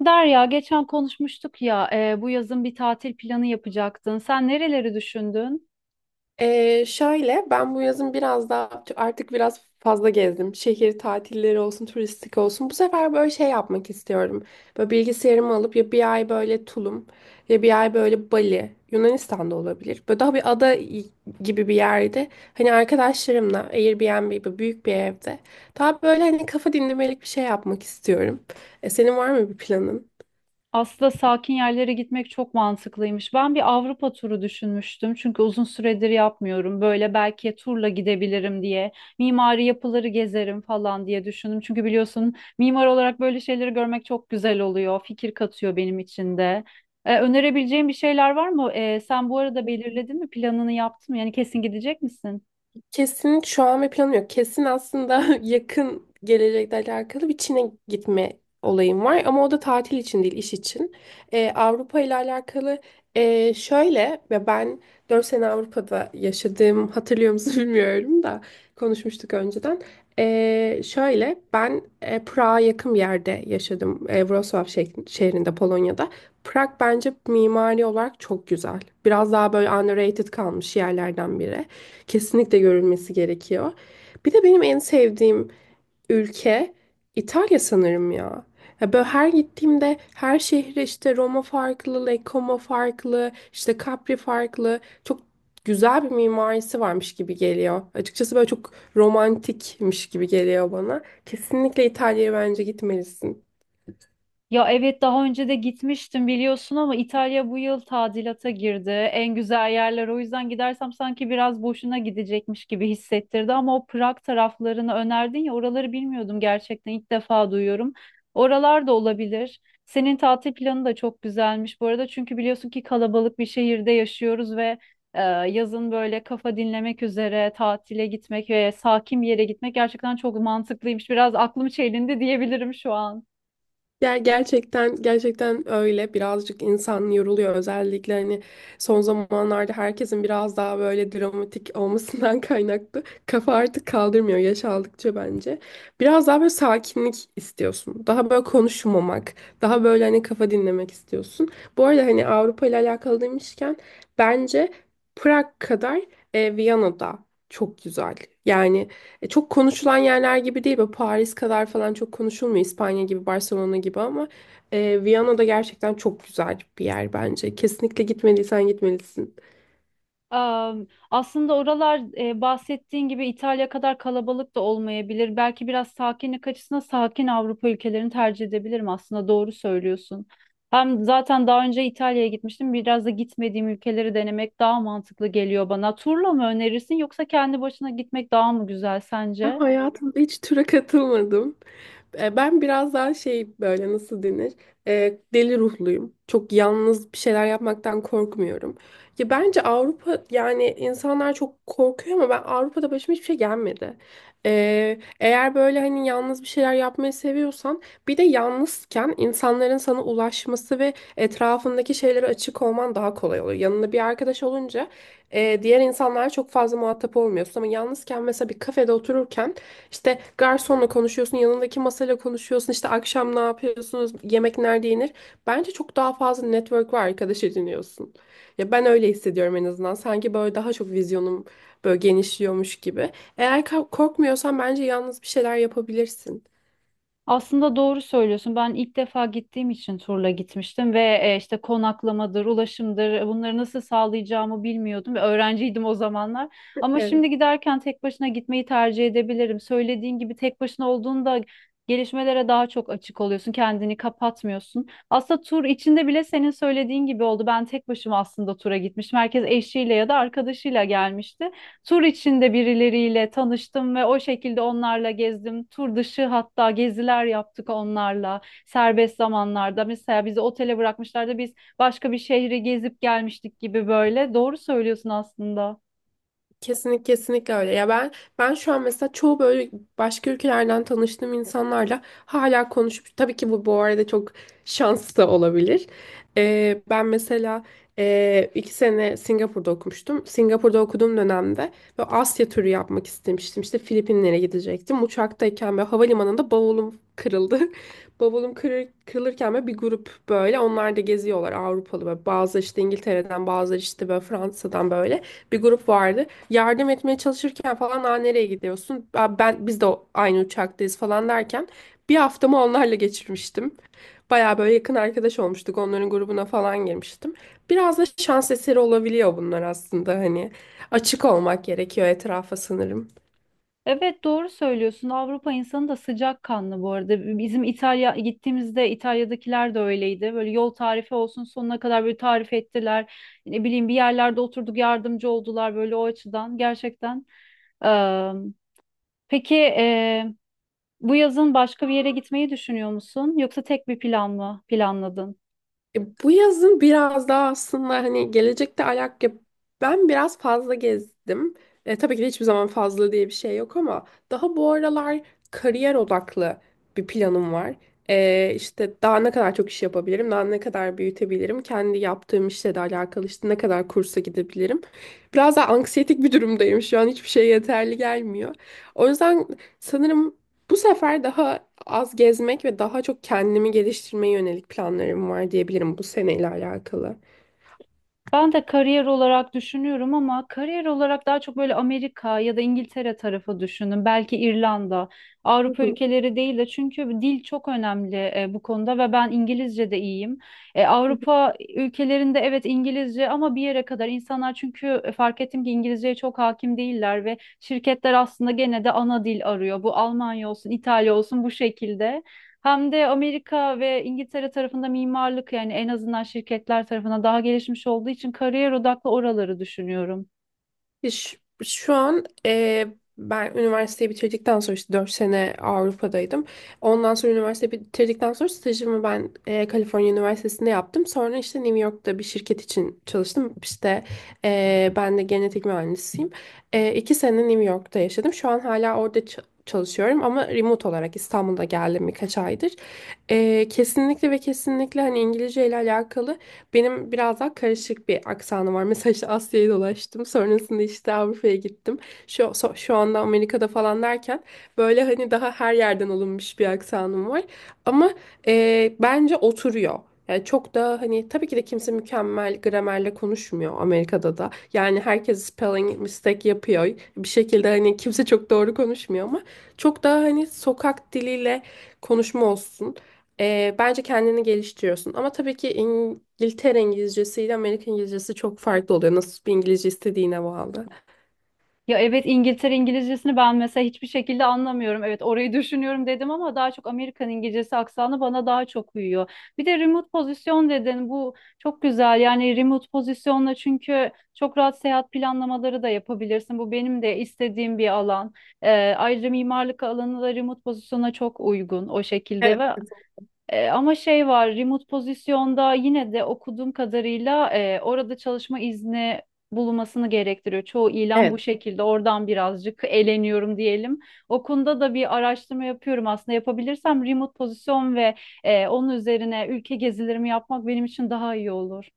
Derya, geçen konuşmuştuk ya, bu yazın bir tatil planı yapacaktın. Sen nereleri düşündün? Şöyle ben bu yazın biraz daha artık biraz fazla gezdim. Şehir tatilleri olsun, turistik olsun. Bu sefer böyle şey yapmak istiyorum. Böyle bilgisayarımı alıp ya bir ay böyle Tulum ya bir ay böyle Bali, Yunanistan'da olabilir. Böyle daha bir ada gibi bir yerde. Hani arkadaşlarımla Airbnb gibi büyük bir evde. Daha böyle hani kafa dinlemelik bir şey yapmak istiyorum. Senin var mı bir planın? Aslında sakin yerlere gitmek çok mantıklıymış. Ben bir Avrupa turu düşünmüştüm çünkü uzun süredir yapmıyorum. Böyle belki turla gidebilirim diye, mimari yapıları gezerim falan diye düşündüm. Çünkü biliyorsun mimar olarak böyle şeyleri görmek çok güzel oluyor, fikir katıyor benim için de. Önerebileceğin bir şeyler var mı? Sen bu arada belirledin mi, planını yaptın mı? Yani kesin gidecek misin? Kesin şu an bir planım yok. Kesin aslında yakın gelecekle alakalı bir Çin'e gitme olayım var. Ama o da tatil için değil, iş için. Avrupa ile alakalı şöyle ve ben 4 sene Avrupa'da yaşadığım hatırlıyor musun? Bilmiyorum da konuşmuştuk önceden. Şöyle ben Prag'a yakın bir yerde yaşadım. Wrocław şehrinde, Polonya'da. Prag bence mimari olarak çok güzel. Biraz daha böyle underrated kalmış yerlerden biri. Kesinlikle görülmesi gerekiyor. Bir de benim en sevdiğim ülke İtalya sanırım ya. Ya böyle her gittiğimde her şehre işte Roma farklı, Lake farklı, işte Capri farklı. Çok güzel bir mimarisi varmış gibi geliyor. Açıkçası böyle çok romantikmiş gibi geliyor bana. Kesinlikle İtalya'ya bence gitmelisin. Ya evet, daha önce de gitmiştim biliyorsun ama İtalya bu yıl tadilata girdi. En güzel yerler, o yüzden gidersem sanki biraz boşuna gidecekmiş gibi hissettirdi ama o Prag taraflarını önerdin ya, oraları bilmiyordum, gerçekten ilk defa duyuyorum. Oralar da olabilir. Senin tatil planı da çok güzelmiş bu arada, çünkü biliyorsun ki kalabalık bir şehirde yaşıyoruz ve yazın böyle kafa dinlemek üzere tatile gitmek ve sakin bir yere gitmek gerçekten çok mantıklıymış. Biraz aklım çelindi diyebilirim şu an. Gerçekten öyle, birazcık insan yoruluyor, özellikle hani son zamanlarda herkesin biraz daha böyle dramatik olmasından kaynaklı, kafa artık kaldırmıyor yaş aldıkça bence. Biraz daha böyle sakinlik istiyorsun. Daha böyle konuşmamak, daha böyle hani kafa dinlemek istiyorsun. Bu arada hani Avrupa ile alakalı demişken bence Prag kadar Viyana'da çok güzel. Yani çok konuşulan yerler gibi değil. Böyle Paris kadar falan çok konuşulmuyor. İspanya gibi, Barcelona gibi ama Viyana'da gerçekten çok güzel bir yer bence. Kesinlikle gitmediysen gitmelisin. Aslında oralar bahsettiğin gibi İtalya kadar kalabalık da olmayabilir. Belki biraz sakinlik açısından sakin Avrupa ülkelerini tercih edebilirim. Aslında doğru söylüyorsun. Hem zaten daha önce İtalya'ya gitmiştim. Biraz da gitmediğim ülkeleri denemek daha mantıklı geliyor bana. Turla mı önerirsin, yoksa kendi başına gitmek daha mı güzel Ben sence? hayatımda hiç tura katılmadım. Ben biraz daha şey, böyle nasıl denir? Deli ruhluyum. Çok yalnız bir şeyler yapmaktan korkmuyorum. Ya bence Avrupa, yani insanlar çok korkuyor ama ben Avrupa'da başıma hiçbir şey gelmedi. Eğer böyle hani yalnız bir şeyler yapmayı seviyorsan, bir de yalnızken insanların sana ulaşması ve etrafındaki şeylere açık olman daha kolay oluyor. Yanında bir arkadaş olunca diğer insanlara çok fazla muhatap olmuyorsun ama yalnızken, mesela bir kafede otururken, işte garsonla konuşuyorsun, yanındaki masayla konuşuyorsun, işte akşam ne yapıyorsunuz, yemek nerede yenir. Bence çok daha fazla network ve arkadaş ediniyorsun. Ya ben öyle hissediyorum en azından. Sanki böyle daha çok vizyonum böyle genişliyormuş gibi. Eğer korkmuyorsan bence yalnız bir şeyler yapabilirsin. Aslında doğru söylüyorsun. Ben ilk defa gittiğim için turla gitmiştim ve işte konaklamadır, ulaşımdır, bunları nasıl sağlayacağımı bilmiyordum ve öğrenciydim o zamanlar. Ama şimdi giderken tek başına gitmeyi tercih edebilirim. Söylediğin gibi tek başına olduğunda gelişmelere daha çok açık oluyorsun, kendini kapatmıyorsun. Aslında tur içinde bile senin söylediğin gibi oldu. Ben tek başıma aslında tura gitmiştim. Herkes eşiyle ya da arkadaşıyla gelmişti. Tur içinde birileriyle tanıştım ve o şekilde onlarla gezdim. Tur dışı hatta geziler yaptık onlarla serbest zamanlarda. Mesela bizi otele bırakmışlardı. Biz başka bir şehri gezip gelmiştik gibi böyle. Doğru söylüyorsun aslında. Kesinlikle, kesinlikle öyle. Ya ben şu an mesela çoğu böyle başka ülkelerden tanıştığım insanlarla hala konuşup, tabii ki bu arada çok şans da olabilir. Ben mesela 2 sene Singapur'da okumuştum. Singapur'da okuduğum dönemde ve Asya turu yapmak istemiştim. İşte Filipinlere gidecektim. Uçaktayken ve havalimanında bavulum kırıldı. Bavulum kırılırken böyle bir grup, böyle onlar da geziyorlar, Avrupalı, ve bazı işte İngiltere'den, bazıları işte böyle Fransa'dan, böyle bir grup vardı, yardım etmeye çalışırken falan, aa, nereye gidiyorsun? Aa, biz de aynı uçaktayız falan derken bir haftamı onlarla geçirmiştim. Baya böyle yakın arkadaş olmuştuk. Onların grubuna falan girmiştim. Biraz da şans eseri olabiliyor bunlar aslında hani. Açık olmak gerekiyor etrafa sanırım. Evet, doğru söylüyorsun. Avrupa insanı da sıcakkanlı bu arada. Bizim İtalya gittiğimizde İtalya'dakiler de öyleydi. Böyle yol tarifi olsun, sonuna kadar böyle tarif ettiler. Ne bileyim bir yerlerde oturduk, yardımcı oldular böyle o açıdan. Gerçekten. Peki, bu yazın başka bir yere gitmeyi düşünüyor musun? Yoksa tek bir plan mı planladın? Bu yazın biraz daha, aslında hani gelecekte ben biraz fazla gezdim. Tabii ki de hiçbir zaman fazla diye bir şey yok ama daha bu aralar kariyer odaklı bir planım var. İşte daha ne kadar çok iş yapabilirim, daha ne kadar büyütebilirim, kendi yaptığım işle de alakalı işte ne kadar kursa gidebilirim. Biraz daha anksiyetik bir durumdayım şu an, hiçbir şey yeterli gelmiyor. O yüzden sanırım bu sefer daha az gezmek ve daha çok kendimi geliştirmeye yönelik planlarım var diyebilirim bu seneyle alakalı. Ben de kariyer olarak düşünüyorum ama kariyer olarak daha çok böyle Amerika ya da İngiltere tarafı düşündüm. Belki İrlanda, Hı Avrupa hı. ülkeleri değil de, çünkü dil çok önemli bu konuda ve ben İngilizce de iyiyim. Avrupa ülkelerinde evet İngilizce ama bir yere kadar insanlar, çünkü fark ettim ki İngilizceye çok hakim değiller ve şirketler aslında gene de ana dil arıyor. Bu Almanya olsun, İtalya olsun bu şekilde. Hem de Amerika ve İngiltere tarafında mimarlık, yani en azından şirketler tarafından daha gelişmiş olduğu için kariyer odaklı oraları düşünüyorum. Ya şu an ben üniversiteyi bitirdikten sonra işte 4 sene Avrupa'daydım. Ondan sonra üniversite bitirdikten sonra stajımı ben Kaliforniya Üniversitesi'nde yaptım. Sonra işte New York'ta bir şirket için çalıştım. İşte ben de genetik mühendisiyim. 2 sene New York'ta yaşadım. Şu an hala orada çalışıyorum ama remote olarak İstanbul'da geldim birkaç aydır. Kesinlikle ve kesinlikle hani İngilizce ile alakalı. Benim biraz daha karışık bir aksanım var. Mesela işte Asya'yı dolaştım. Sonrasında işte Avrupa'ya gittim. Şu anda Amerika'da falan derken böyle hani daha her yerden alınmış bir aksanım var. Ama bence oturuyor. Yani çok da hani, tabii ki de kimse mükemmel gramerle konuşmuyor Amerika'da da. Yani herkes spelling mistake yapıyor. Bir şekilde hani kimse çok doğru konuşmuyor ama çok daha hani sokak diliyle konuşma olsun. Bence kendini geliştiriyorsun. Ama tabii ki İngiltere İngilizcesi ile Amerika İngilizcesi çok farklı oluyor. Nasıl bir İngilizce istediğine bağlı. Ya evet, İngiltere İngilizcesini ben mesela hiçbir şekilde anlamıyorum. Evet, orayı düşünüyorum dedim ama daha çok Amerikan İngilizcesi aksanı bana daha çok uyuyor. Bir de remote pozisyon dedin, bu çok güzel yani remote pozisyonla, çünkü çok rahat seyahat planlamaları da yapabilirsin. Bu benim de istediğim bir alan. Ee, Ayrıca mimarlık alanı da remote pozisyona çok uygun o şekilde Evet. ve ama şey var, remote pozisyonda yine de okuduğum kadarıyla orada çalışma izni bulunmasını gerektiriyor. Çoğu ilan bu Evet. şekilde. Oradan birazcık eleniyorum diyelim. O konuda da bir araştırma yapıyorum aslında. Yapabilirsem remote pozisyon ve onun üzerine ülke gezilerimi yapmak benim için daha iyi olur.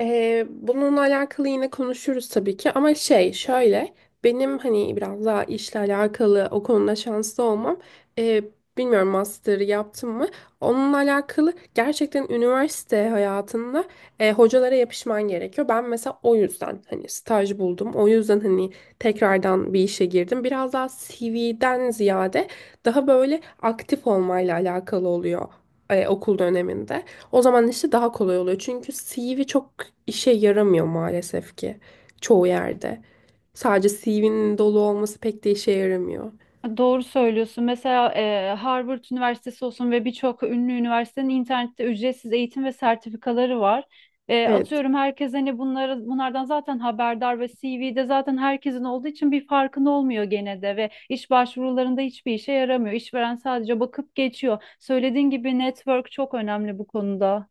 Bununla alakalı yine konuşuruz tabii ki ama şey şöyle, benim hani biraz daha işle alakalı o konuda şanslı olmam, ee, bilmiyorum master'ı yaptım mı, onunla alakalı gerçekten üniversite hayatında hocalara yapışman gerekiyor. Ben mesela o yüzden hani staj buldum, o yüzden hani tekrardan bir işe girdim, biraz daha CV'den ziyade daha böyle aktif olmayla alakalı oluyor okul döneminde. O zaman işte daha kolay oluyor. Çünkü CV çok işe yaramıyor maalesef ki çoğu yerde. Sadece CV'nin dolu olması pek de işe yaramıyor. Doğru söylüyorsun. Mesela Harvard Üniversitesi olsun ve birçok ünlü üniversitenin internette ücretsiz eğitim ve sertifikaları var. Evet. Atıyorum, herkes hani bunlardan zaten haberdar ve CV'de zaten herkesin olduğu için bir farkında olmuyor gene de ve iş başvurularında hiçbir işe yaramıyor. İşveren sadece bakıp geçiyor. Söylediğin gibi network çok önemli bu konuda.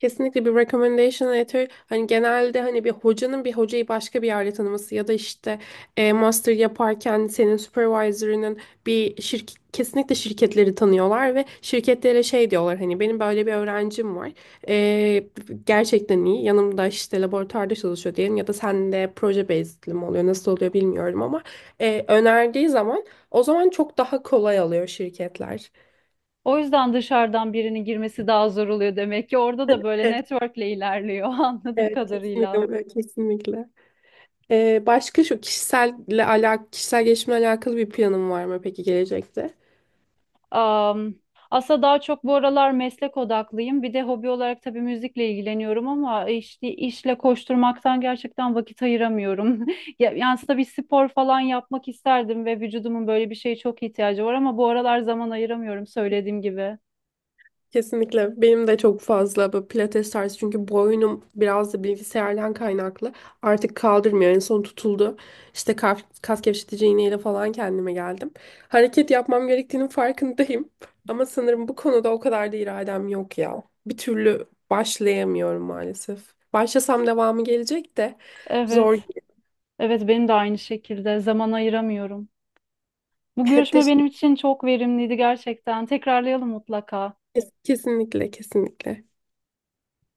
Kesinlikle bir recommendation letter, hani genelde hani bir hocanın bir hocayı başka bir yerde tanıması, ya da işte master yaparken senin supervisor'ının bir şirket, kesinlikle şirketleri tanıyorlar ve şirketlere şey diyorlar, hani benim böyle bir öğrencim var. E, Gerçekten iyi, yanımda işte laboratuvarda çalışıyor diyelim, ya da sen de proje bazed'li mi oluyor nasıl oluyor bilmiyorum ama önerdiği zaman o zaman çok daha kolay alıyor şirketler. O yüzden dışarıdan birinin girmesi daha zor oluyor demek ki. Orada da böyle Evet, networkle ilerliyor anladığım evet, kadarıyla. kesinlikle, kesinlikle. Başka, şu kişisel gelişimle alakalı bir planın var mı peki gelecekte? Am, Aslında daha çok bu aralar meslek odaklıyım. Bir de hobi olarak tabii müzikle ilgileniyorum ama işte işle koşturmaktan gerçekten vakit ayıramıyorum. Yani aslında bir spor falan yapmak isterdim ve vücudumun böyle bir şeye çok ihtiyacı var ama bu aralar zaman ayıramıyorum söylediğim gibi. Kesinlikle. Benim de çok fazla bu pilates tarzı, çünkü boynum biraz da bilgisayardan kaynaklı. Artık kaldırmıyor. En son tutuldu. İşte kas gevşetici iğneyle falan kendime geldim. Hareket yapmam gerektiğinin farkındayım. Ama sanırım bu konuda o kadar da iradem yok ya. Bir türlü başlayamıyorum maalesef. Başlasam devamı gelecek de zor. Evet, evet benim de aynı şekilde zaman ayıramıyorum. Bu görüşme Teş- benim için çok verimliydi gerçekten. Tekrarlayalım mutlaka. Kesinlikle, kesinlikle.